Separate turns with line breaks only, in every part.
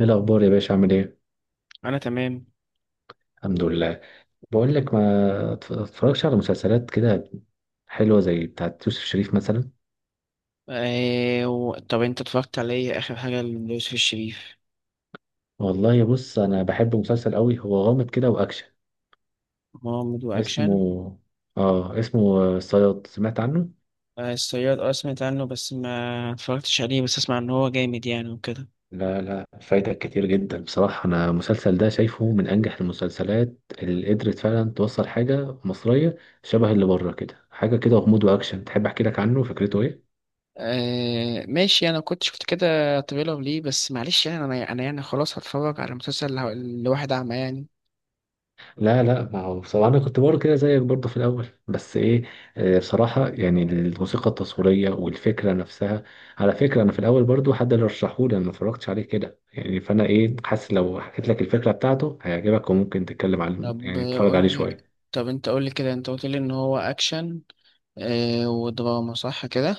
ايه الاخبار يا باشا؟ عامل ايه؟
انا تمام.
الحمد لله. بقول لك، ما اتف- اتفرجش على مسلسلات كده حلوه زي بتاعت يوسف شريف مثلا؟
طب انت اتفرجت على ايه اخر حاجه ليوسف الشريف؟
والله بص، انا بحب مسلسل قوي، هو غامض كده واكشن.
مغامرة
اسمه،
واكشن.
اه اسمه الصياد، سمعت عنه؟
آه الصياد، اه سمعت عنه بس ما اتفرجتش عليه، بس اسمع ان هو جامد يعني وكده
لا لا، فايتك كتير جدا. بصراحه انا المسلسل ده شايفه من انجح المسلسلات اللي قدرت فعلا توصل حاجه مصريه شبه اللي بره كده، حاجه كده غموض واكشن. تحب احكي لك عنه فكرته ايه؟
آه ماشي، انا كنت شفت كده تريلر ليه، بس معلش يعني انا يعني خلاص هتفرج على مسلسل لواحد اعمى يعني.
لا لا، ما هو بصراحة أنا كنت برضه كده زيك برضه في الأول، بس إيه، بصراحة يعني الموسيقى التصويرية والفكرة نفسها. على فكرة أنا في الأول برضه حد اللي رشحهولي، أنا ما اتفرجتش عليه كده يعني، فأنا إيه حاسس لو حكيت لك الفكرة بتاعته هيعجبك وممكن تتكلم عن،
طب
يعني
آه،
تتفرج
قول
عليه
لي.
شوية.
طب انت قول لي كده، انت قلت لي ان هو اكشن آه ودراما صح كده؟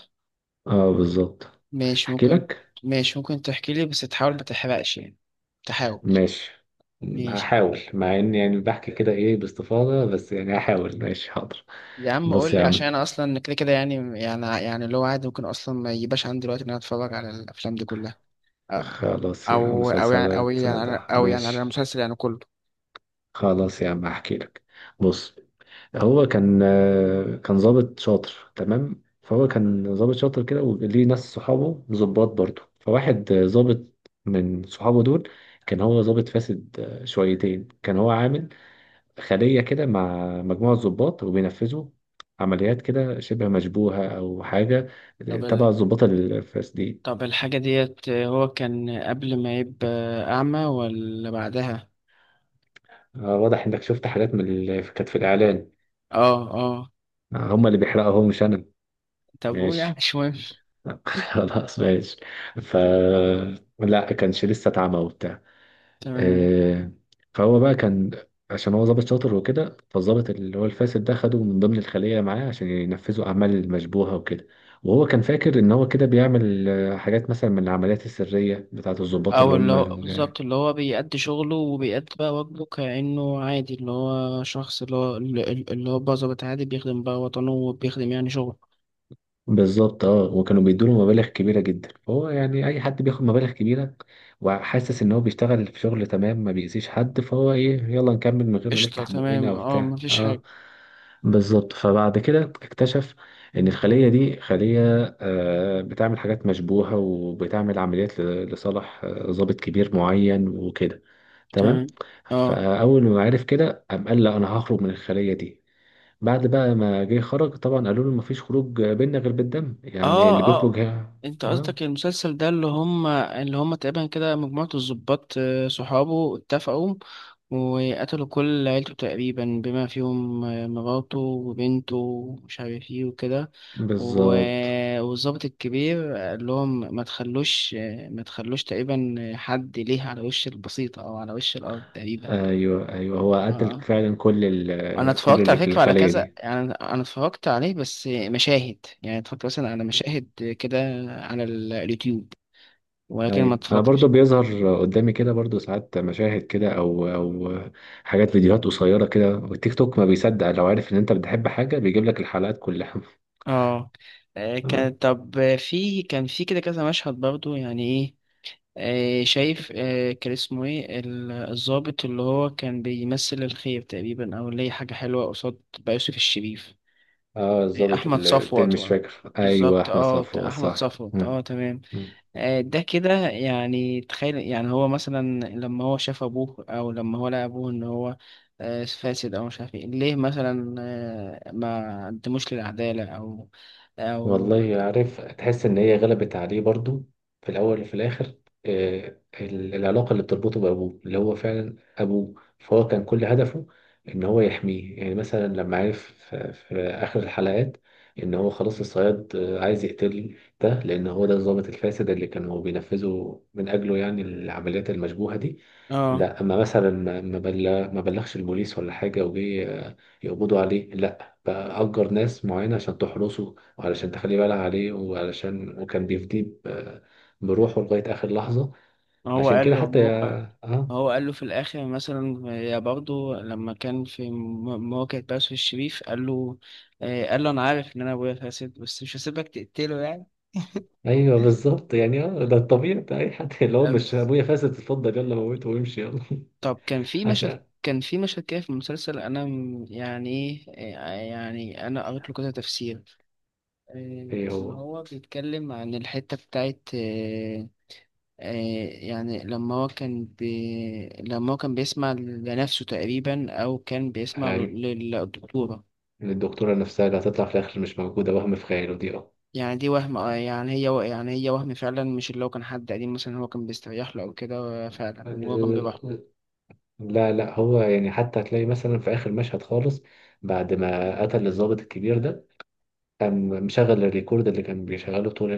أه بالظبط.
ماشي
أحكي
ممكن.
لك.
ماشي ممكن تحكي لي بس تحاول ما تحرقش يعني. تحاول.
ماشي،
ماشي.
هحاول مع إني يعني بحكي كده إيه باستفاضة، بس يعني هحاول. ماشي حاضر.
يا عم قول
بص يا
لي، عشان
عم.
انا اصلا كده كده يعني اللي هو عادي، ممكن اصلا ما يجيبش عندي الوقت ان انا اتفرج على الافلام دي كلها.
خلاص يا عم،
او يعني، او
مسلسلات
يعني
ده
او يعني على
ماشي.
المسلسل يعني كله.
خلاص يا عم هحكي لك. بص. هو كان، كان ضابط شاطر تمام. فهو كان ضابط شاطر كده وليه ناس صحابه ضباط برضه. فواحد، ضابط من صحابه دول كان هو ضابط فاسد، شويتين. كان هو عامل خلية كده مع مجموعة ضباط، وبينفذوا عمليات كده شبه مشبوهة أو حاجة
طب
تبع الضباط الفاسدين.
طب الحاجة ديت هو كان قبل ما يبقى أعمى ولا بعدها؟
واضح إنك شفت حاجات من اللي كانت في الإعلان.
اه اه.
هما اللي بيحرقوا، هو مش أنا.
طب قول، يعني
ماشي.
مش مهم.
خلاص ماشي. ف لا كانش لسه اتعمى وبتاع،
تمام.
آه، فهو بقى كان، عشان هو ظابط شاطر وكده، فالظابط اللي هو الفاسد ده خده من ضمن الخلية معاه عشان ينفذوا أعمال مشبوهة وكده. وهو كان فاكر إن هو كده بيعمل، حاجات مثلا من العمليات السرية بتاعة الضباط
أو
اللي
اللي
هم.
هو بالظبط، اللي هو بيأدي شغله وبيأدي بقى واجبه كأنه عادي، اللي هو شخص اللي هو اللي هو بقى ظابط عادي بيخدم بقى وطنه وبيخدم يعني شغله.
بالظبط اه. وكانوا بيدوا له مبالغ كبيره جدا، فهو يعني اي حد بياخد مبالغ كبيره وحاسس ان هو بيشتغل في شغل تمام ما بيأذيش حد، فهو ايه، يلا نكمل من غير ما
قشطة،
نفتح بقنا او
تمام، اه
بتاع
مفيش
اه.
حاجة.
بالظبط. فبعد كده اكتشف ان الخليه دي خليه، بتعمل حاجات مشبوهه وبتعمل عمليات لصالح، ضابط كبير معين وكده. تمام.
تمام. اه
فاول ما عرف كده قام قال لا انا هخرج من الخليه دي. بعد بقى ما جه خرج طبعا قالوا له مفيش خروج بينا غير بالدم، يعني
اه
اللي بيخرج
اه
ها.
انت
اه
قصدك المسلسل ده اللي هم، اللي هم تقريبا كده مجموعة الضباط آه، صحابه اتفقوا وقتلوا كل عيلته تقريبا، بما فيهم آه، مراته وبنته ومش عارف ايه وكده.
بالظبط.
والضابط الكبير قال لهم ما تخلوش، آه، ما تخلوش تقريبا حد ليه على وش البسيطة او على وش الارض تقريبا.
ايوه ايوه، هو قتل
اه.
فعلا
انا
كل
اتفرجت
اللي
على
في
فكره على
الخلية
كذا
دي.
يعني، انا اتفرجت عليه بس مشاهد، يعني اتفرجت مثلا على مشاهد كده على اليوتيوب، ولكن ما
ايوه انا برضو
اتفرجتش.
بيظهر قدامي كده برضو ساعات مشاهد كده، او حاجات فيديوهات قصيرة كده، والتيك توك ما بيصدق لو عارف ان انت بتحب حاجة بيجيب لك الحلقات كلها.
اه آه،
تمام.
كان في كده كذا مشهد برضو يعني ايه. آه، شايف آه، كان اسمه ايه الضابط اللي هو كان بيمثل الخير تقريبا، او اللي هي حاجه حلوه قصاد بقى يوسف الشريف؟
اه
آه،
الظابط
احمد
التاني
صفوت
مش فاكر. ايوه
بالظبط،
احمد
اه
صفوت
احمد
صح.
صفوت
مم.
اه تمام.
مم.
آه، ده كده يعني تخيل، يعني هو مثلا لما هو شاف ابوه او لما هو لقى ابوه ان هو آه، فاسد او مش عارف ايه ليه، مثلا آه، ما قدموش للعدالة او او.
والله عارف، تحس ان هي غلبت عليه برضو في الاول وفي الاخر. العلاقه اللي بتربطه بابوه اللي هو فعلا ابوه، فهو كان كل هدفه ان هو يحميه. يعني مثلا لما عرف في اخر الحلقات ان هو خلاص الصياد، عايز يقتل ده لان هو ده الضابط الفاسد اللي كانوا بينفذوا من اجله يعني العمليات المشبوهه دي.
اه
لا اما مثلا ما بلغش البوليس ولا حاجه، وجي يقبضوا عليه، لا بقى اجر ناس معينه عشان تحرسه وعلشان تخلي بالها عليه وعلشان، وكان بيفديه بروحه لغاية آخر لحظة،
ما هو
عشان
قال
كده
له ما
حتى
هو
يا اه.
ما هو قال له في الاخر مثلا، آه، يا برضه لما كان في مواجهة باسل الشريف قال له آه، قال له انا عارف ان انا ابويا فاسد، بس مش هسيبك تقتله يعني.
ايوه بالظبط يعني اه، ده الطبيعي بتاع اي حد اللي هو
آه،
مش
بس.
ابويا فاسد اتفضل يلا موته وامشي يلا.
طب
عشان
كان في مشهد كده في المسلسل انا يعني ايه، يعني انا قريت له كذا تفسير. إيه،
ايه
ان
هو
هو بيتكلم عن الحته بتاعت إيه، إيه، يعني لما هو لما هو كان بيسمع لنفسه تقريبا، او كان بيسمع
هاي
للدكتوره.
من الدكتورة نفسها اللي هتطلع في الآخر مش موجودة، وهم في خياله دي اه.
يعني دي وهم، آه، يعني يعني هي وهم فعلا، مش اللي هو كان حد قديم مثلا هو كان بيستريح له او كده. آه، فعلا، وهو كان بيبقى
لا لا، هو يعني حتى هتلاقي مثلا في آخر مشهد خالص بعد ما قتل الضابط الكبير ده، قام مشغل الريكورد اللي كان بيشغله طول،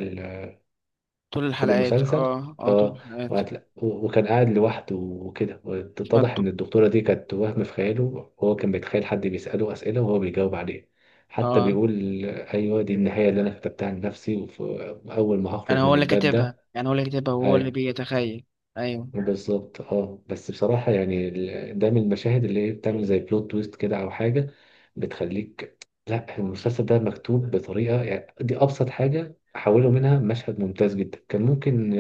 طول
قلت له
الحلقات.
مسلسل.
اه طول
اه.
الحلقات.
وكان قاعد لوحده وكده، واتضح
اتفضل.
ان الدكتوره دي كانت وهم في خياله. وهو كان بيتخيل حد بيساله اسئله وهو بيجاوب عليه، حتى
اه،
بيقول ايوه دي النهايه اللي انا كتبتها لنفسي واول ما هخرج
انا هو
من
اللي
الباب
كاتبها،
ده.
يعني هو اللي كاتبها وهو اللي
ايوه
بيتخيل. ايوه.
بالظبط اه. بس بصراحه يعني ده من المشاهد اللي هي بتعمل زي بلوت تويست كده او حاجه بتخليك. لا المسلسل ده مكتوب بطريقه، يعني دي ابسط حاجه حولوا منها، مشهد ممتاز جدا. كان ممكن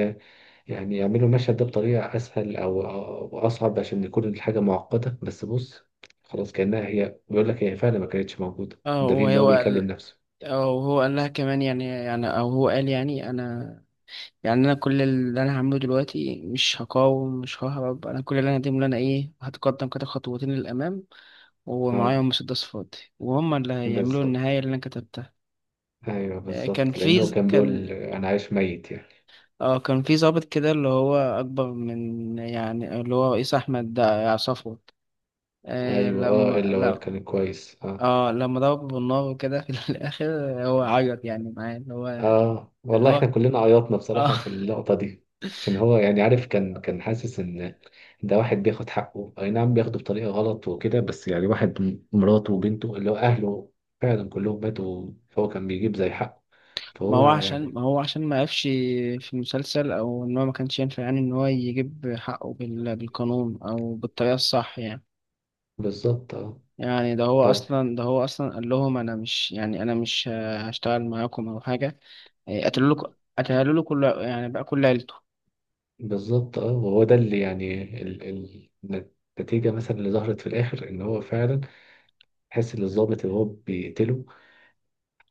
يعني يعملوا المشهد ده بطريقة أسهل أو أصعب عشان يكون الحاجة معقدة، بس بص خلاص. كأنها هي بيقول لك هي فعلا ما كانتش موجودة،
اه
الدليل
هو
اللي هو
هو
بيكلم
قال،
نفسه.
او هو قال لها كمان، يعني او هو قال يعني انا، يعني انا كل اللي انا هعمله دلوقتي مش هقاوم، مش ههرب، انا كل اللي انا هقدمه اللي انا ايه هتقدم كده خطوتين للامام، ومعايا
اه
مسدس فاضي، وهم اللي هيعملوا
بالظبط.
النهايه اللي انا كتبتها.
أيوه
آه، كان
بالظبط،
في
لأنه كان بيقول أنا عايش ميت يعني.
كان في ضابط كده اللي هو اكبر من، يعني اللي هو رئيس احمد ده يا صفوت، آه،
أيوه اه،
لما
اللي هو
لا.
كان كويس اه.
اه لما ضربه بالنار وكده في الاخر هو عيط يعني معاه، اللي هو
اه
اللي
والله، احنا
هو
كلنا عيطنا
اه.
بصراحة في اللقطة دي، عشان هو يعني عارف، كان حاسس ان ده واحد بياخد حقه، اي نعم بياخده بطريقة غلط وكده، بس يعني واحد مراته وبنته اللي هو اهله فعلا كلهم ماتوا، فهو كان بيجيب زي حقه،
ما
فهو
هو عشان
يعني
ما هو عشان ما قفش في المسلسل، او ان هو ما كانش ينفع يعني ان هو يجيب حقه بالقانون او بالطريقه الصح يعني.
بالظبط اه.
يعني
طب
ده هو اصلا قال لهم انا مش، يعني انا مش هشتغل معاكم او حاجه. يعني قتلوا له كل يعني بقى كل عيلته.
بالظبط اه. وهو ده اللي يعني ال النتيجة مثلا اللي ظهرت في الاخر، ان هو فعلا حس ان الضابط اللي هو بيقتله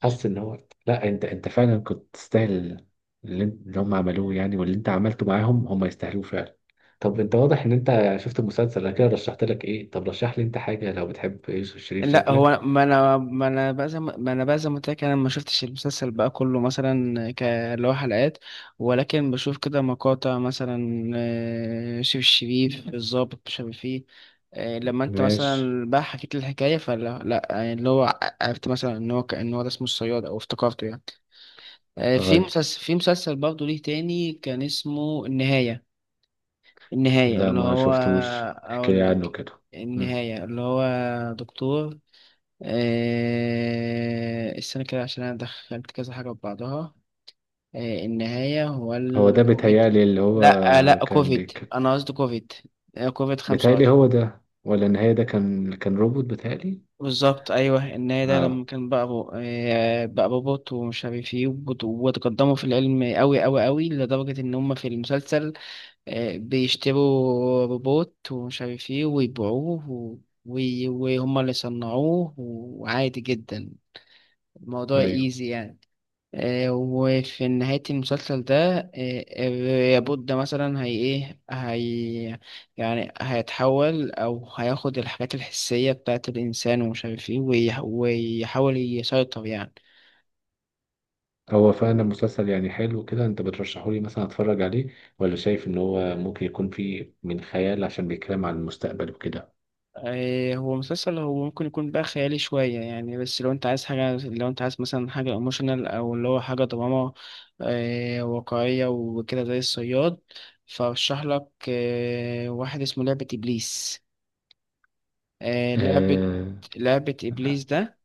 حس ان هو، لا انت انت فعلا كنت تستاهل اللي، انت- اللي هم عملوه يعني واللي انت عملته معاهم هم يستاهلوه فعلا. طب انت واضح ان انت شفت المسلسل، انا كده رشحت لك. ايه؟ طب رشح لي انت حاجه لو بتحب يوسف شريف
لا
شكلك.
هو ما انا بقى زي ما قلت لك، انا ما شفتش المسلسل بقى كله مثلا اللي هو حلقات، ولكن بشوف كده مقاطع مثلا آه، شيف الشريف الضابط مش عارف ايه. آه، لما انت
ماشي.
مثلا بقى حكيت لي الحكايه فلا لا يعني اللي هو عرفت مثلا ان هو ده اسمه الصياد او افتكرته يعني. آه، في
طيب.
مسلسل في مسلسل برضه ليه تاني كان اسمه النهايه. النهايه
لا
اللي
ما
هو.
شفتوش، احكي لي
اقول
عنه
لك،
كده. مم.
النهايه اللي هو دكتور آه، استنى كده عشان انا دخلت كذا حاجه في بعضها. آه، النهايه هو
هو ده
الكوفيد.
بيتهيألي اللي هو
لا آه، لا
كان
كوفيد،
بيك.
انا قصدي كوفيد آه، كوفيد
بيتهيألي
25.
هو ده ولا النهاية ده؟ كان روبوت بيتهيألي
بالظبط ايوه، النهايه ده
اه.
لما كان بقى آه، بقى بوبوت ومش عارف ايه وتقدموا في العلم قوي قوي قوي لدرجه ان هم في المسلسل آه، بيشتروا روبوت ومش عارف ايه ويبيعوه و... وهم اللي صنعوه، وعادي جدا الموضوع
ايوه.
ايزي يعني. آه، وفي نهاية المسلسل ده آه، الياقوت ده مثلا هي ايه هي، يعني هيتحول أو هياخد الحاجات الحسية بتاعة الإنسان ومش عارف ايه ويحاول يسيطر يعني.
هو فعلا مسلسل يعني حلو كده انت بترشحه لي مثلا اتفرج عليه؟ ولا شايف ان هو ممكن يكون فيه من خيال عشان بيتكلم عن المستقبل وكده؟
آه، هو مسلسل هو ممكن يكون بقى خيالي شوية يعني، بس لو انت عايز حاجة، لو انت عايز مثلا حاجة ايموشنال أو اللي هو حاجة دراما آه، واقعية وكده زي الصياد، فأرشح لك آه، واحد اسمه لعبة إبليس. آه لعبة،
اه
لعبة إبليس ده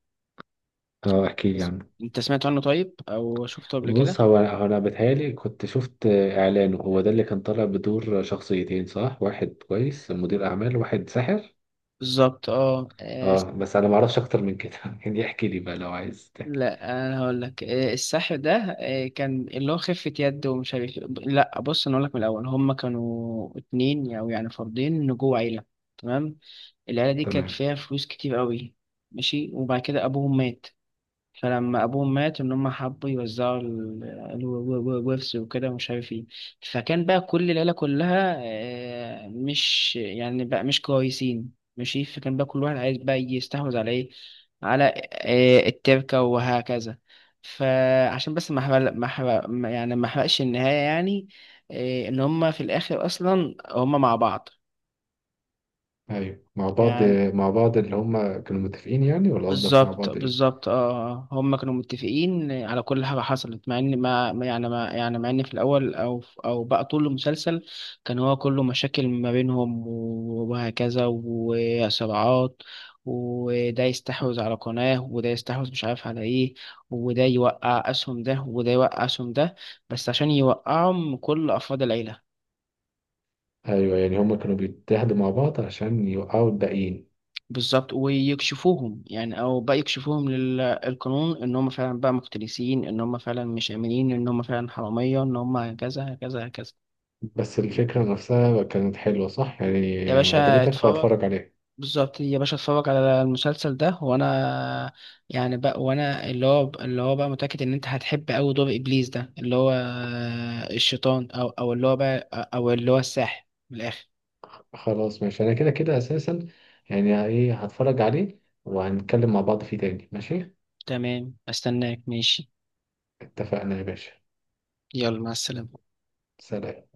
اه احكي لي
بس-
عنه.
أنت سمعت عنه طيب أو شفته قبل كده؟
بص، هو انا بتهيالي كنت شفت اعلانه، هو ده اللي كان طالع بدور شخصيتين صح؟ واحد كويس مدير اعمال وواحد ساحر.
بالظبط اه آه،
اه بس انا ما اعرفش اكتر من كده. يعني احكي لي بقى لو عايز تحكي.
لا أنا هقول لك، آه، السحر ده آه، كان اللي هو خفة يد ومش عارف إيه. لا بص أنا أقول لك من الأول، هما كانوا اتنين أو يعني فردين جوه عيلة. تمام. العيلة دي كانت
تمام.
فيها فلوس كتير قوي، ماشي، وبعد كده أبوهم مات. فلما ابوهم مات ان هم حبوا يوزعوا الورث وكده ومش عارف ايه. فكان بقى كل العيله كلها آه، مش يعني بقى مش كويسين، ماشي، فكان بقى كل واحد عايز بقى يستحوذ على ايه، على آه، التركه وهكذا. فعشان بس ما احرق ما احرق ما- يعني ما احرقش النهايه يعني، آه، ان هم في الاخر اصلا هم مع بعض
ايوه مع بعض.
يعني.
مع بعض اللي هم كانوا متفقين يعني، ولا قصدك مع
بالظبط
بعض ايه؟
بالظبط اه آه، آه. هم كانوا متفقين على كل حاجه حصلت، مع ان ما ما- يعني ما يعني مع ان في الاول او او بقى طول المسلسل كان هو كله مشاكل ما بينهم وهكذا وصراعات، وده يستحوذ على قناه وده يستحوذ مش عارف على ايه، وده يوقع اسهم ده وده يوقع اسهم ده، بس عشان يوقعهم كل افراد العيله.
ايوه يعني هما كانوا بيتحدوا مع بعض عشان يوقعوا الباقيين.
بالظبط، ويكشفوهم يعني، او بقى يكشفوهم للقانون ان هم فعلا بقى مفترسين، ان هم فعلا مش امنين، ان هم فعلا حراميه، ان هم كذا كذا كذا.
بس الفكرة نفسها كانت حلوة صح؟ يعني
يا
يعني
باشا
عجبتك
اتفرج،
فهتفرج عليه.
بالظبط يا باشا اتفرج على المسلسل ده، وانا يعني بقى، وانا اللي هو بقى متاكد ان انت هتحب قوي دور ابليس ده، اللي هو الشيطان او اللي هو بقى، او اللي هو الساحر من الاخر.
خلاص ماشي، انا كده كده اساسا يعني ايه هتفرج عليه، وهنتكلم مع بعض فيه تاني. ماشي
تمام استناك ماشي.
اتفقنا يا باشا.
يلا مع السلامه.
سلام.